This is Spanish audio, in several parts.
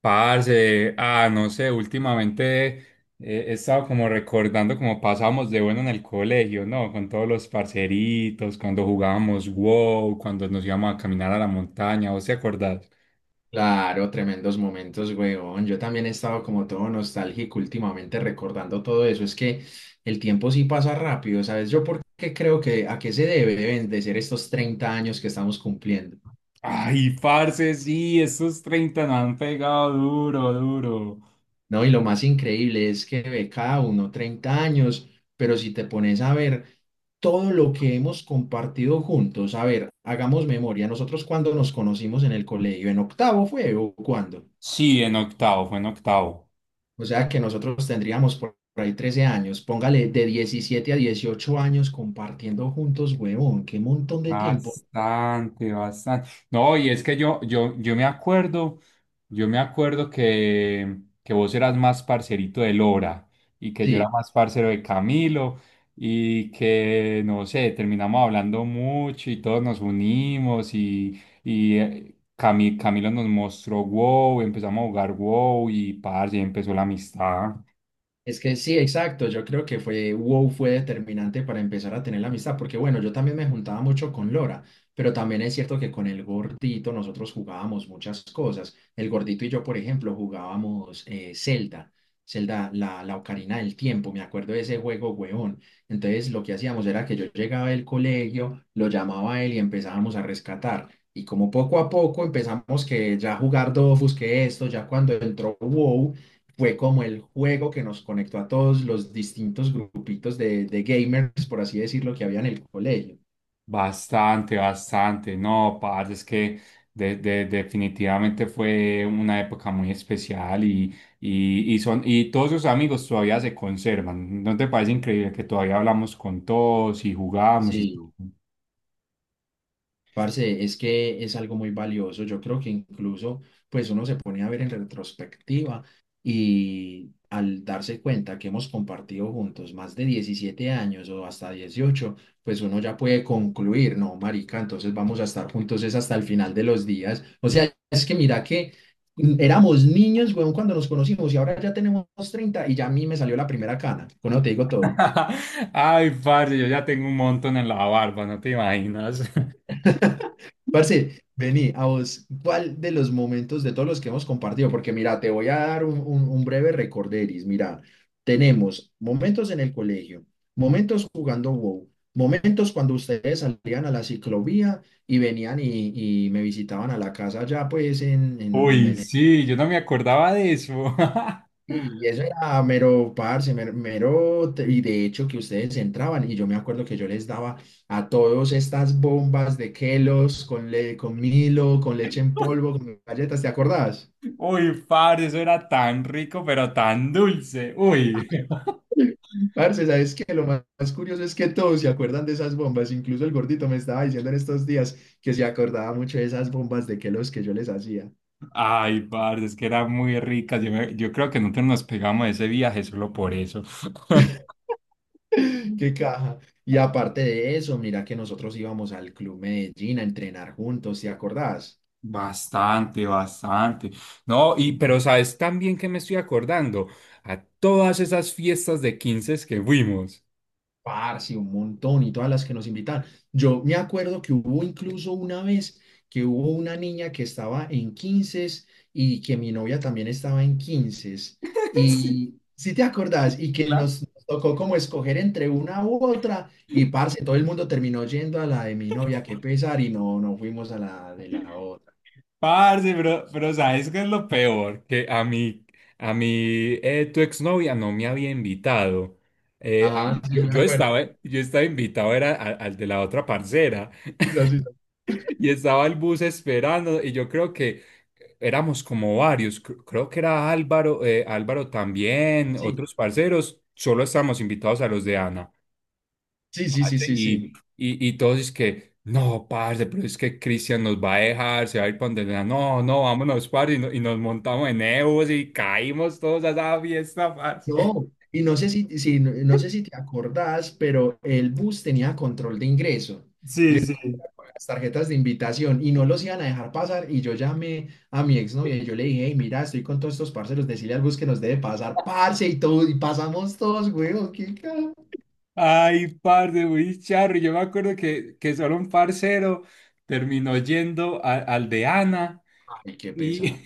Parce, no sé, últimamente, he estado como recordando cómo pasábamos de bueno en el colegio, ¿no? Con todos los parceritos, cuando jugábamos WoW, cuando nos íbamos a caminar a la montaña, ¿vos te acordás? Claro, tremendos momentos, weón. Yo también he estado como todo nostálgico últimamente recordando todo eso. Es que el tiempo sí pasa rápido, ¿sabes? Yo porque creo que a qué se debe deben de ser estos 30 años que estamos cumpliendo, Ay, parce, sí, esos 30 nos han pegado duro, duro. ¿no? Y lo más increíble es que ve cada uno 30 años, pero si te pones a ver todo lo que hemos compartido juntos, a ver, hagamos memoria. Nosotros cuando nos conocimos en el colegio, ¿en octavo fue o cuándo? Sí, en octavo, fue en octavo. O sea que nosotros tendríamos por ahí 13 años, póngale de 17 a 18 años compartiendo juntos, huevón, qué montón de tiempo. Bastante, bastante. No, y es que yo me acuerdo. Yo me acuerdo que vos eras más parcerito de Lora y que yo Sí, era más parcero de Camilo y que, no sé, terminamos hablando mucho y todos nos unimos y Camilo nos mostró WoW, empezamos a jugar WoW y parce, ahí empezó la amistad. es que sí, exacto. Yo creo que fue WoW fue determinante para empezar a tener la amistad, porque bueno, yo también me juntaba mucho con Lora, pero también es cierto que con el gordito nosotros jugábamos muchas cosas. El gordito y yo, por ejemplo, jugábamos Zelda, Zelda, la Ocarina del Tiempo. Me acuerdo de ese juego, huevón. Entonces, lo que hacíamos era que yo llegaba del colegio, lo llamaba a él y empezábamos a rescatar. Y como poco a poco empezamos que ya jugar Dofus, que esto, ya cuando entró WoW fue como el juego que nos conectó a todos los distintos grupitos de gamers, por así decirlo, que había en el colegio. Bastante, bastante. No, parce, es que definitivamente fue una época muy especial y todos sus amigos todavía se conservan. ¿No te parece increíble que todavía hablamos con todos y jugamos y todo? Sí. Parce, es que es algo muy valioso. Yo creo que incluso, pues uno se pone a ver en retrospectiva y al darse cuenta que hemos compartido juntos más de 17 años o hasta 18, pues uno ya puede concluir, no, marica, entonces vamos a estar juntos es hasta el final de los días. O sea, es que mira que éramos niños, weón, cuando nos conocimos y ahora ya tenemos 30 y ya a mí me salió la primera cana. Bueno, te digo todo. Ay, parce, yo ya tengo un montón en la barba, no te imaginas. Parce, vení, a vos, ¿cuál de los momentos de todos los que hemos compartido? Porque mira, te voy a dar un breve recorderis. Mira, tenemos momentos en el colegio, momentos jugando WoW, momentos cuando ustedes salían a la ciclovía y venían y me visitaban a la casa allá, pues en Uy, Medellín sí, yo no me acordaba de eso. y eso era mero parce, mero, y de hecho que ustedes entraban y yo me acuerdo que yo les daba a todos estas bombas de Kelos con Milo, con leche en polvo, con galletas, ¿te acordás? Uy, padre, eso era tan rico, pero tan dulce. Uy. Parce, ¿sabes qué? Lo más curioso es que todos se acuerdan de esas bombas, incluso el gordito me estaba diciendo en estos días que se acordaba mucho de esas bombas de Kelos que yo les hacía. Ay, parce, es que eran muy ricas. Yo yo creo que nosotros nos pegamos ese viaje solo por eso. Qué caja. Y aparte de eso, mira que nosotros íbamos al Club Medellín a entrenar juntos, ¿te acordás? Bastante, bastante. No, y pero sabes también que me estoy acordando a todas esas fiestas de 15 que fuimos. Parce, un montón y todas las que nos invitan. Yo me acuerdo que hubo incluso una vez que hubo una niña que estaba en 15 y que mi novia también estaba en 15. Sí, Y si te acordás, y que claro. nos tocó como escoger entre una u otra, y parce, todo el mundo terminó yendo a la de mi novia, qué pesar, y no, no fuimos a la de la otra. Parce, pero ¿sabes qué es lo peor? Que a mí, a mi tu exnovia no me había invitado. Ah, sí, yo me acuerdo. Yo estaba invitado, era al de la otra parcera. Sí, Y estaba el bus esperando y yo creo que éramos como varios, creo que era Álvaro, Álvaro también, otros parceros, solo estábamos invitados a los de Ana. sí, sí, sí, Parce, sí, sí, sí, sí. y, Sí. y todos es que, no, parce, pero es que Cristian nos va a dejar, se va a ir para donde Ana. No, no, vámonos, parce, y y nos montamos en Ebus y caímos todos a esa fiesta, parce. No, y no sé si te acordás, pero el bus tenía control de ingreso. Y Sí, entonces sí. con las tarjetas de invitación y no los iban a dejar pasar. Y yo llamé a mi exnovia y yo le dije, hey, mira, estoy con todos estos parceros, decirle al bus que nos debe pasar, parce, y todo, y pasamos todos, weón, qué ca- Ay, parce, muy charro. Yo me acuerdo que solo un parcero terminó yendo al de Ana. Ay, qué Y, pesado.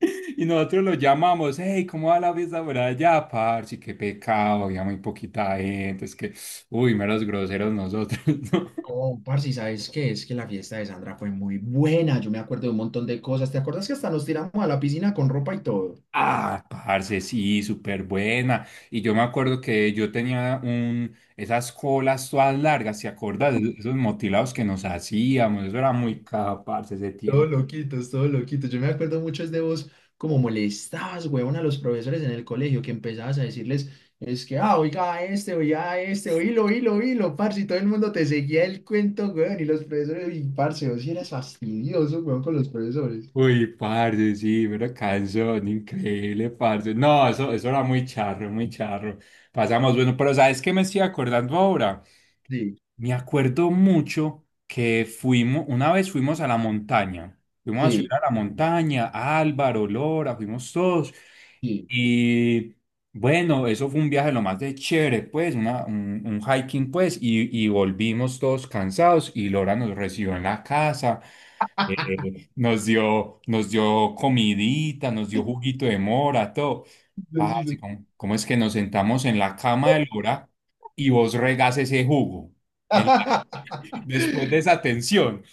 y nosotros lo llamamos, hey, ¿cómo va la fiesta por allá, parce? Qué pecado, había muy poquita gente, es que, uy, meros groseros nosotros, ¿no? No, parce, ¿Y sabes qué? Es que la fiesta de Sandra fue muy buena. Yo me acuerdo de un montón de cosas. ¿Te acuerdas que hasta nos tiramos a la piscina con ropa y todo? Ah, parce, sí, súper buena. Y yo me acuerdo que yo tenía un, esas colas todas largas, ¿te acuerdas? Esos motilados que nos hacíamos, eso era muy caro, parce, ese Todo tiempo. loquitos, todo loquitos. Yo me acuerdo mucho es de vos como molestabas, huevón, a los profesores en el colegio, que empezabas a decirles, es que, ah, oiga a este, oílo, oílo, oílo, parce, y todo el mundo te seguía el cuento, huevón, y los profesores, y parce, vos sí eras fastidioso, huevón, con los profesores. Uy, parce, sí, pero canción, increíble, parce. No, eso era muy charro, muy charro. Pasamos, bueno, pero ¿sabes qué me estoy acordando ahora? Sí, Me acuerdo mucho que fuimos, una vez fuimos a la montaña, fuimos a subir sí, a la montaña, Álvaro, Lora, fuimos todos. sí. Y bueno, eso fue un viaje lo más de chévere, pues, un hiking, pues, y volvimos todos cansados y Lora nos recibió en la casa. Nos dio comidita, nos dio juguito de mora, todo. Sí, Ah, sí, así sí. como, ¿cómo es que nos sentamos en la cama de Lora y vos regás ese jugo? En la- después de esa atención.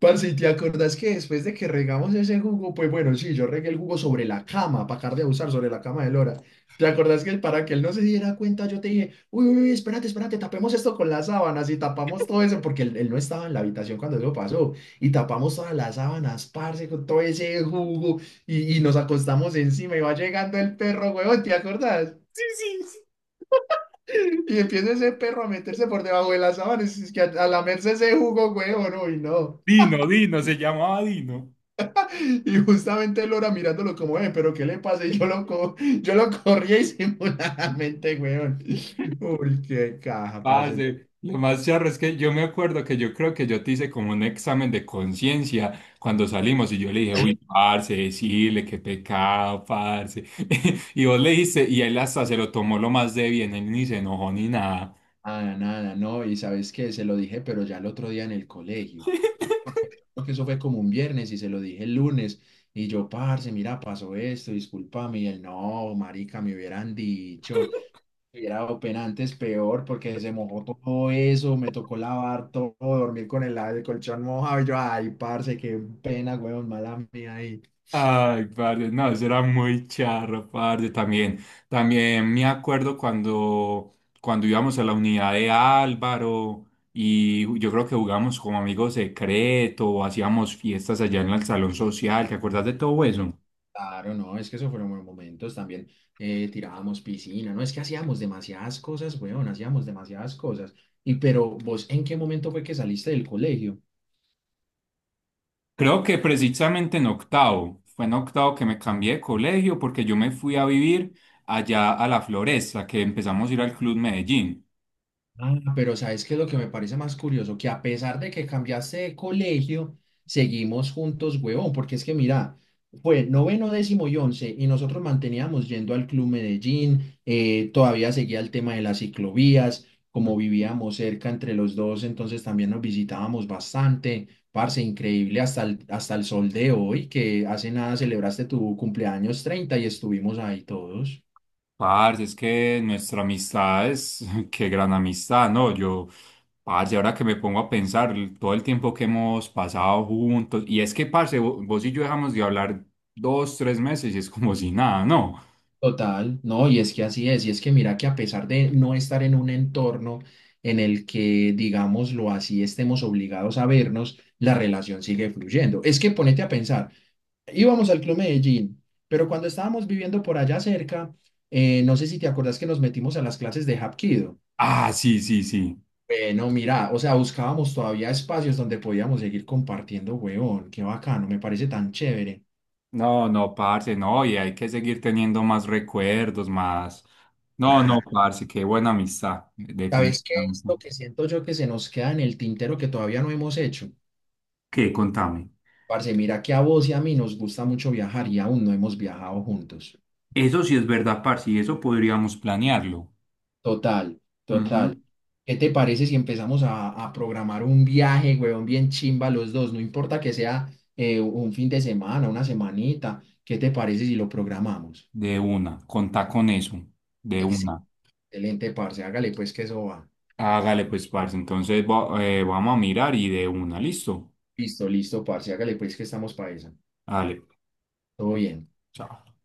Parce, ¿y te acordás que después de que regamos ese jugo? Pues bueno, sí, yo regué el jugo sobre la cama, para acabar de abusar sobre la cama de Lora. ¿Te acordás que para que él no se diera cuenta, yo te dije, uy, uy, uy, espérate, espérate, tapemos esto con las sábanas y tapamos todo eso, porque él no estaba en la habitación cuando eso pasó, y tapamos todas las sábanas, parce, con todo ese jugo, y nos acostamos encima, y va llegando el perro, huevón, ¿te acordás? Sí, sí, sí. Y empieza ese perro a meterse por debajo de las sábanas, es que a lamerse ese jugo, huevón, uy, no. Dino, Dino, se llamaba Dino. Y justamente Lora mirándolo como, ve, pero ¿qué le pasa? Y yo lo corría disimuladamente, weón. Uy, qué caja, parce. Parce, lo más charro es que yo me acuerdo que yo creo que yo te hice como un examen de conciencia cuando salimos y yo le dije, uy, parce, decirle qué pecado, parce. Y vos le dijiste, y él hasta se lo tomó lo más de bien, él ni se enojó ni nada. Nada, nada, no. Y sabes qué, se lo dije, pero ya el otro día en el colegio. Porque creo que eso fue como un viernes y se lo dije el lunes. Y yo, parce, mira, pasó esto, discúlpame. Y él, no, marica, me hubieran dicho. Era open antes peor porque se mojó todo eso, me tocó lavar todo, dormir con el colchón mojado. Y yo, ay, parce, qué pena, weón, mala mía ahí. Ay, parce, no, eso era muy charro, parce, también. También me acuerdo cuando, cuando íbamos a la unidad de Álvaro y yo creo que jugábamos como amigos secreto, o hacíamos fiestas allá en el salón social, ¿te acuerdas de todo eso? Claro, no, es que eso fueron buenos momentos. También, tirábamos piscina, ¿no? Es que hacíamos demasiadas cosas, weón, hacíamos demasiadas cosas. Y pero vos, ¿en qué momento fue que saliste del colegio? Creo que precisamente en octavo, fue en octavo que me cambié de colegio porque yo me fui a vivir allá a la Floresta, que empezamos a ir al Club Medellín. Ah, pero ¿sabes qué es lo que me parece más curioso? Que a pesar de que cambiaste de colegio, seguimos juntos, huevón, porque es que mira, fue noveno, décimo y once, y nosotros manteníamos yendo al Club Medellín, todavía seguía el tema de las ciclovías, como vivíamos cerca entre los dos, entonces también nos visitábamos bastante, parce, increíble hasta el sol de hoy, que hace nada celebraste tu cumpleaños 30 y estuvimos ahí todos. Parce, es que nuestra amistad es, qué gran amistad, ¿no? Yo, parce, ahora que me pongo a pensar todo el tiempo que hemos pasado juntos, y es que, parce, vos y yo dejamos de hablar dos, tres meses y es como si nada, ¿no? Total, no, y es que así es, y es que mira que a pesar de no estar en un entorno en el que, digámoslo así, estemos obligados a vernos, la relación sigue fluyendo. Es que ponete a pensar, íbamos al Club Medellín, pero cuando estábamos viviendo por allá cerca, no sé si te acordás que nos metimos a las clases de Hapkido. Ah, sí, sí, sí. Bueno, mira, o sea, buscábamos todavía espacios donde podíamos seguir compartiendo, huevón, qué bacano, me parece tan chévere. No, no, parce, no, y hay que seguir teniendo más recuerdos, más. No, no, Claro. parce, qué buena amistad, ¿Sabes qué es definitivamente. lo que siento yo que se nos queda en el tintero que todavía no hemos hecho? ¿Qué? Contame. Parce, mira que a vos y a mí nos gusta mucho viajar y aún no hemos viajado juntos. Eso sí es verdad, parce, y eso podríamos planearlo. Total, Ujú. total. ¿Qué te parece si empezamos a programar un viaje, huevón, bien chimba los dos? No importa que sea un fin de semana, una semanita. ¿Qué te parece si lo programamos? De una, contá con eso, de una. Excelente, parce. Hágale pues que eso va. Hágale pues, parce. Entonces vamos a mirar y de una, listo. Listo, listo, parce. Hágale pues que estamos para esa. Hágale. Todo bien. Chao.